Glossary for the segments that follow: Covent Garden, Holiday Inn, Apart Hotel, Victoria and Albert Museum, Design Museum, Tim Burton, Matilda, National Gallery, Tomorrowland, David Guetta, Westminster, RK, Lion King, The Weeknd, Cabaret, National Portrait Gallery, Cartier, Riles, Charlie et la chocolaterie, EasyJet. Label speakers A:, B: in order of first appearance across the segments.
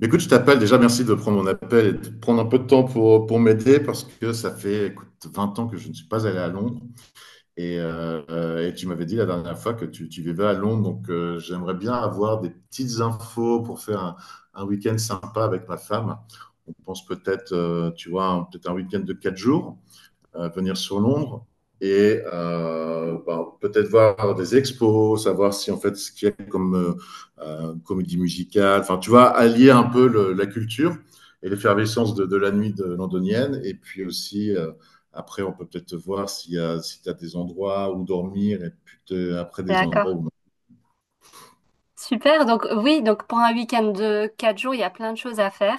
A: Mais écoute, je t'appelle déjà, merci de prendre mon appel et de prendre un peu de temps pour m'aider parce que ça fait écoute, 20 ans que je ne suis pas allé à Londres et tu m'avais dit la dernière fois que tu vivais à Londres, donc j'aimerais bien avoir des petites infos pour faire un week-end sympa avec ma femme. On pense peut-être, tu vois, peut-être un week-end de 4 jours venir sur Londres et bah, peut-être voir des expos, savoir si en fait ce qu'il y a comme comédie musicale, enfin tu vois, allier un peu la culture et l'effervescence de la nuit de londonienne, et puis aussi après on peut peut-être voir s'il y a, si tu as des endroits où dormir, et puis après des
B: D'accord.
A: endroits où non.
B: Super. Donc oui, donc pour un week-end de quatre jours, il y a plein de choses à faire.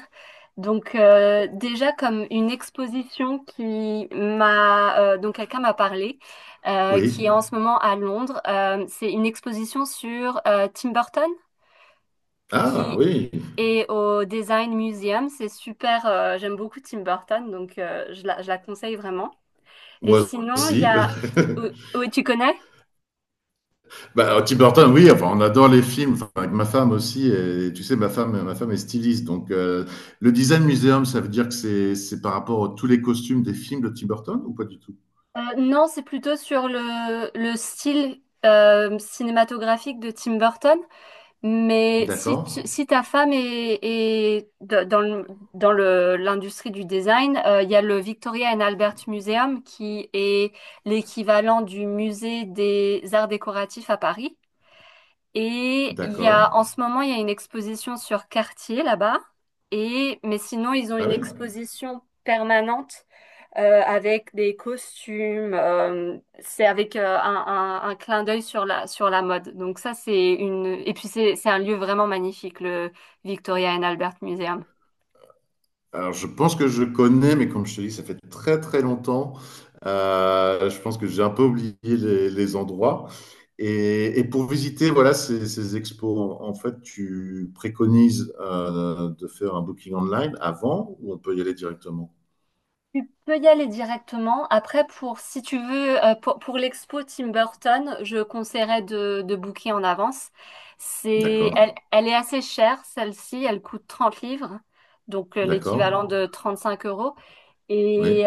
B: Donc déjà comme une exposition qui m'a donc quelqu'un m'a parlé, qui
A: Oui,
B: est en ce moment à Londres. C'est une exposition sur Tim Burton
A: ah
B: qui
A: oui,
B: est au Design Museum. C'est super. J'aime beaucoup Tim Burton, donc je la conseille vraiment. Et
A: moi
B: sinon, il y
A: aussi.
B: a. Oui, tu connais?
A: Bah, Tim Burton, oui, enfin, on adore les films, enfin, avec ma femme aussi, et tu sais, ma femme est styliste, donc le Design Museum, ça veut dire que c'est par rapport à tous les costumes des films de Tim Burton ou pas du tout?
B: Non, c'est plutôt sur le style cinématographique de Tim Burton. Mais si,
A: D'accord,
B: si ta femme dans le, l'industrie du design, il y a le Victoria and Albert Museum qui est l'équivalent du musée des arts décoratifs à Paris. Et il y a, en
A: d'accord.
B: ce moment, il y a une exposition sur Cartier là-bas. Et, mais sinon, ils ont
A: Ah
B: une
A: oui?
B: exposition permanente avec des costumes. C'est avec un clin d'œil sur la mode. Donc ça, c'est une... Et puis c'est un lieu vraiment magnifique, le Victoria and Albert Museum.
A: Alors, je pense que je connais, mais comme je te dis, ça fait très très longtemps. Je pense que j'ai un peu oublié les endroits. Et pour visiter, voilà, ces expos, en fait, tu préconises de faire un booking online avant ou on peut y aller directement?
B: Tu peux y aller directement. Après, pour si tu veux, pour l'expo Tim Burton, je conseillerais de booker en avance.
A: D'accord,
B: Elle est assez chère, celle-ci. Elle coûte 30 livres, donc l'équivalent
A: d'accord,
B: de 35 euros.
A: oui,
B: Et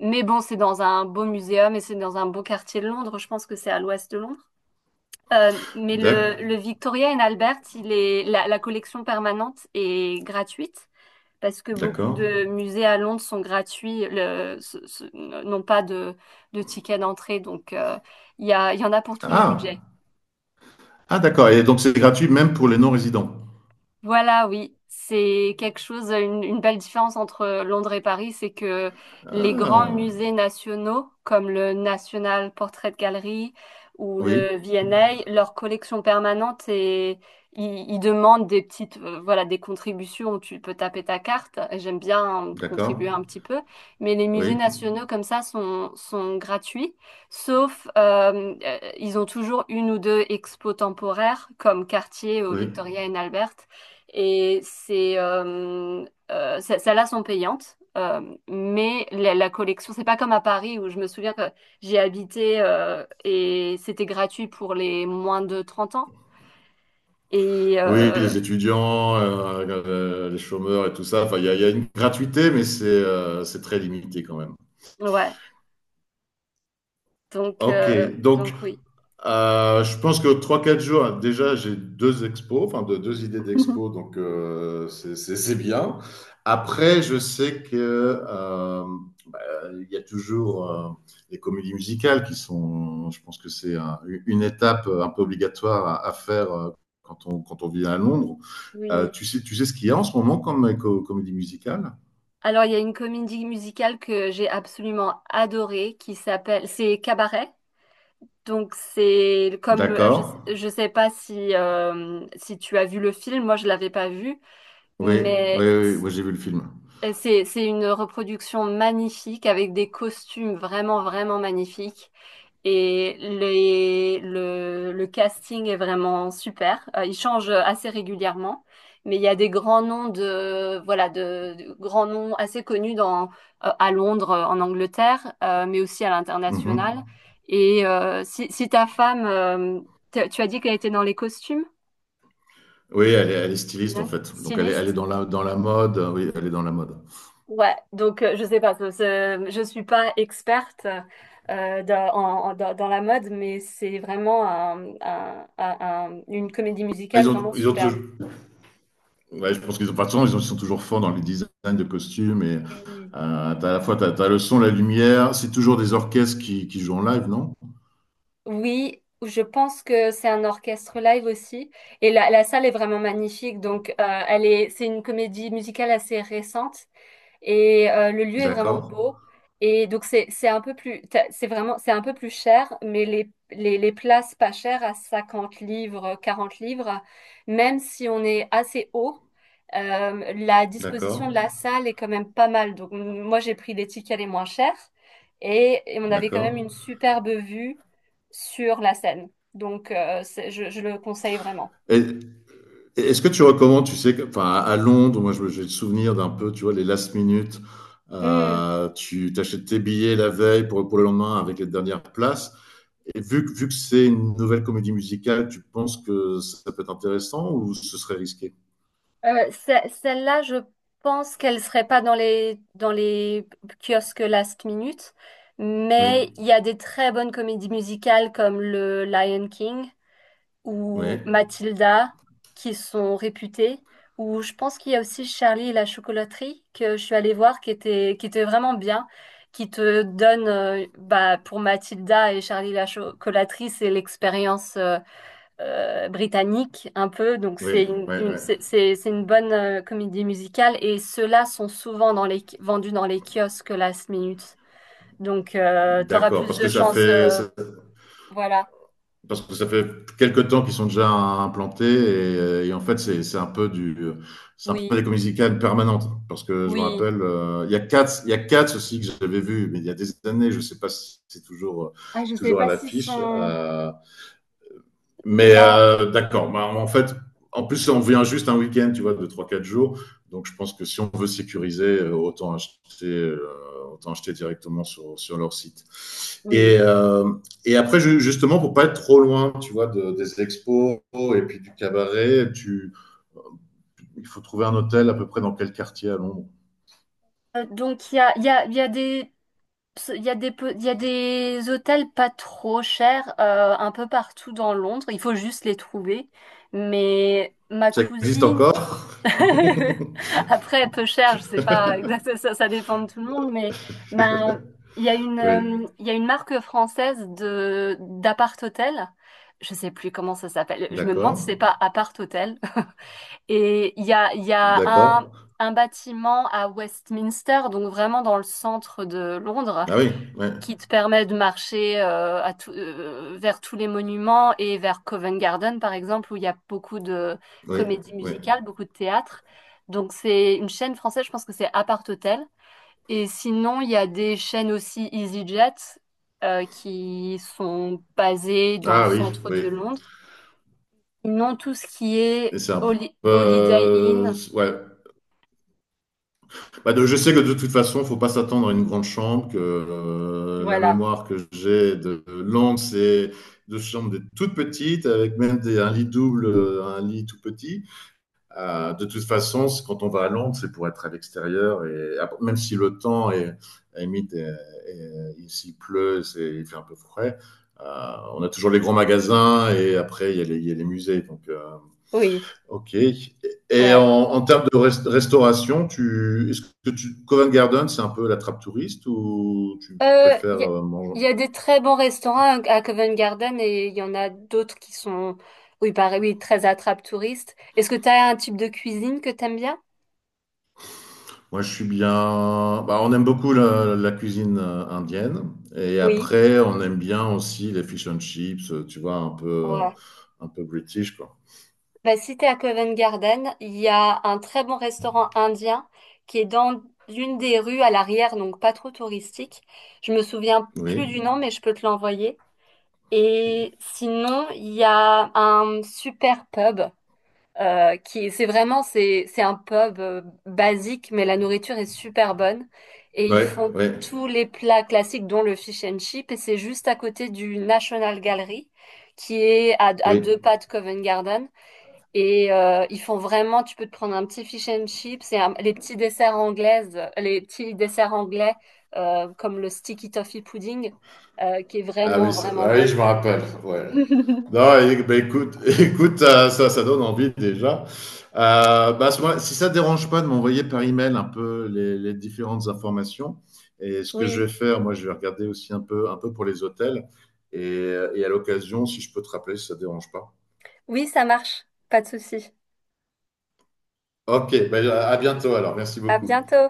B: mais bon, c'est dans un beau muséum et c'est dans un beau quartier de Londres. Je pense que c'est à l'ouest de Londres. Mais
A: d'ac-
B: le Victoria and Albert, la collection permanente est gratuite parce que beaucoup
A: d'accord.
B: de musées à Londres sont gratuits, n'ont pas de, de ticket d'entrée, donc il y en a pour tous les
A: Ah,
B: budgets.
A: ah d'accord, et donc c'est gratuit même pour les non-résidents.
B: Voilà, oui, c'est quelque chose, une belle différence entre Londres et Paris, c'est que les grands
A: Ah,
B: musées nationaux, comme le National Portrait Gallery ou
A: oui,
B: le V&A, leur collection permanente et ils demandent des petites, voilà, des contributions où tu peux taper ta carte. Et j'aime bien
A: d'accord,
B: contribuer un petit peu, mais les musées
A: oui,
B: nationaux comme ça sont gratuits, sauf ils ont toujours une ou deux expos temporaires comme Cartier au
A: oui.
B: Victoria and Albert. Et c'est, celles-là sont payantes, mais la collection, c'est pas comme à Paris où je me souviens que j'ai habité et c'était gratuit pour les moins de 30 ans. Et
A: Oui,
B: euh,
A: les étudiants, les chômeurs et tout ça, enfin, il y a une gratuité, mais c'est très limité quand même.
B: ouais,
A: Ok, donc
B: donc oui.
A: je pense que 3 4 jours, hein, déjà j'ai deux expos, enfin deux, deux idées d'expos, donc c'est c'est bien. Après, je sais que euh, il y a toujours les comédies musicales qui sont, je pense que c'est une étape un peu obligatoire à faire quand quand on vit à Londres. Euh,
B: Oui.
A: tu, sais, tu sais ce qu'il y a en ce moment comme comédie musicale?
B: Alors, il y a une comédie musicale que j'ai absolument adorée qui s'appelle, c'est Cabaret. Donc,
A: D'accord.
B: je sais pas si, si tu as vu le film, moi je l'avais pas vu,
A: Oui, oui,
B: mais
A: oui, oui j'ai vu le film.
B: et c'est une reproduction magnifique avec des costumes vraiment, vraiment magnifiques. Et le casting est vraiment super. Il change assez régulièrement, mais il y a des grands noms de, voilà, de grands noms assez connus dans, à Londres, en Angleterre, mais aussi à l'international.
A: Mhm.
B: Et si, tu as dit qu'elle était dans les costumes,
A: Oui, elle est, styliste en
B: design,
A: fait. Donc elle est
B: styliste?
A: dans, dans la mode. Oui, elle est dans la mode.
B: Ouais, donc je sais pas, je suis pas experte dans, en- en- dans- dans la mode, mais c'est vraiment une comédie musicale
A: Ils ont,
B: vraiment
A: ils ont
B: superbe.
A: ouais, je pense qu'ils ont, enfin, de toute façon, ils sont toujours forts dans les designs de costumes et
B: Oui.
A: t'as à la fois t'as le son, la lumière, c'est toujours des orchestres qui jouent en live, non?
B: Oui, je pense que c'est un orchestre live aussi, et la salle est vraiment magnifique. Donc, c'est une comédie musicale assez récente. Et le lieu est vraiment
A: D'accord,
B: beau. Et donc c'est un peu plus t'as- c'est vraiment c'est un peu plus cher, mais les places pas chères à 50 livres, 40 livres, même si on est assez haut, la disposition de
A: d'accord,
B: la salle est quand même pas mal. Donc moi j'ai pris les tickets les moins chers et on avait quand même
A: d'accord.
B: une superbe vue sur la Seine. Donc je le conseille vraiment.
A: Et, et est-ce que tu recommandes, tu sais, enfin, à Londres, moi j'ai le souvenir d'un peu, tu vois, les last minutes,
B: Mmh.
A: tu t'achètes tes billets la veille pour le lendemain avec les dernières places. Et vu que c'est une nouvelle comédie musicale, tu penses que ça peut être intéressant ou ce serait risqué?
B: Celle-là, je pense qu'elle serait pas dans les kiosques last minute,
A: Oui,
B: mais il y a des très bonnes comédies musicales comme le Lion King
A: oui.
B: ou Matilda qui sont réputées, ou je pense qu'il y a aussi Charlie et la chocolaterie que je suis allée voir qui était vraiment bien, qui te donne, bah, pour Matilda et Charlie et la chocolaterie, c'est l'expérience. Britannique un peu, donc
A: Oui,
B: c'est
A: oui, oui.
B: c'est une bonne comédie musicale et ceux-là sont souvent vendus dans les kiosques last minute. Donc t'auras
A: D'accord,
B: plus
A: parce
B: de
A: que ça
B: chances. Voilà,
A: parce que ça fait quelques temps qu'ils sont déjà implantés et en fait c'est un peu du, c'est un
B: oui,
A: peu des comédies musicales permanentes. Parce que je me
B: oui.
A: rappelle, il y a quatre il y a quatre aussi que j'avais vu, mais il y a des années, je sais pas si c'est toujours,
B: Ah, je sais
A: toujours à
B: pas s'ils
A: l'affiche.
B: sont.
A: Mais
B: Non,
A: d'accord, bah, en fait, en plus, on vient juste un week-end, tu vois, de 3 4 jours. Donc, je pense que si on veut sécuriser, autant acheter directement sur leur site. Et,
B: oui.
A: euh, et après, justement, pour pas être trop loin, tu vois, des expos et puis du cabaret, euh, il faut trouver un hôtel à peu près dans quel quartier à Londres.
B: Donc il y a des. Il y a des hôtels pas trop chers un peu partout dans Londres. Il faut juste les trouver. Mais ma
A: Ça existe
B: cousine
A: encore?
B: après, peu cher, je sais pas exactement, ça dépend de tout le monde, mais ben, il y a
A: Oui,
B: il y a une marque française de d'appart hôtel. Je sais plus comment ça s'appelle. Je me demande si
A: d'accord,
B: c'est pas appart hôtel. Et il y a
A: d'accord.
B: un bâtiment à Westminster, donc vraiment dans le centre de Londres
A: Ah oui, oui,
B: qui te permet de marcher vers tous les monuments et vers Covent Garden, par exemple, où il y a beaucoup de
A: oui,
B: comédies
A: oui.
B: musicales, beaucoup de théâtre. Donc c'est une chaîne française, je pense que c'est Apart Hotel. Et sinon, il y a des chaînes aussi EasyJet qui sont basées dans le
A: Ah oui,
B: centre de
A: oui.
B: Londres. Sinon, tout ce qui
A: Et
B: est
A: c'est un peu.
B: Holiday Inn,
A: Ouais. Bah, je sais que de toute façon, faut pas s'attendre à une grande chambre, que la
B: voilà.
A: mémoire que j'ai de langue, c'est de chambres des toutes petites, avec même des, un lit double, un lit tout petit. De toute façon, quand on va à Londres, c'est pour être à l'extérieur, et même si le temps est, à la limite, il s'y pleut, c'est, il fait un peu frais. On a toujours les grands magasins, et après, il y a il y a les musées. Donc,
B: Oui.
A: Ok. Et en,
B: Ouais.
A: en termes de restauration, est-ce que tu, Covent Garden, c'est un peu la trappe touriste ou tu
B: Euh, Il
A: préfères
B: y a,
A: manger?
B: il y a des très bons restaurants à Covent Garden et il y en a d'autres qui sont, oui, pareil, oui, très attrape-touristes. Est-ce que tu as un type de cuisine que t'aimes bien?
A: Moi, je suis bien. Bah, on aime beaucoup la cuisine indienne. Et
B: Oui.
A: après, on aime bien aussi les fish and chips, tu vois,
B: Ouais.
A: un peu british, quoi.
B: Bah, si t'es à Covent Garden, il y a un très bon restaurant indien qui est dans une des rues à l'arrière, donc pas trop touristique. Je me souviens plus
A: Oui.
B: du nom, mais je peux te l'envoyer. Et sinon, il y a un super pub qui c'est vraiment c'est un pub basique, mais la nourriture est super bonne et ils
A: Oui,
B: font
A: oui,
B: tous les plats classiques dont le fish and chip et c'est juste à côté du National Gallery qui est à deux
A: oui.
B: pas de Covent Garden et ils font vraiment tu peux te prendre un petit fish and chip, les petits desserts anglaises, les petits desserts anglais comme le sticky toffee pudding qui est
A: Ah oui,
B: vraiment vraiment
A: ah oui,
B: bon.
A: je me rappelle. Ouais. Non, bah, écoute, écoute, ça, ça donne envie déjà. Bah, à ce moment-là, si ça ne dérange pas de m'envoyer par email un peu les différentes informations, et ce que je
B: Oui,
A: vais faire, moi, je vais regarder aussi un peu pour les hôtels, et à l'occasion, si je peux te rappeler, si ça ne dérange pas.
B: oui, ça marche, pas de souci.
A: Ok, bah, à bientôt alors. Merci
B: À
A: beaucoup.
B: bientôt.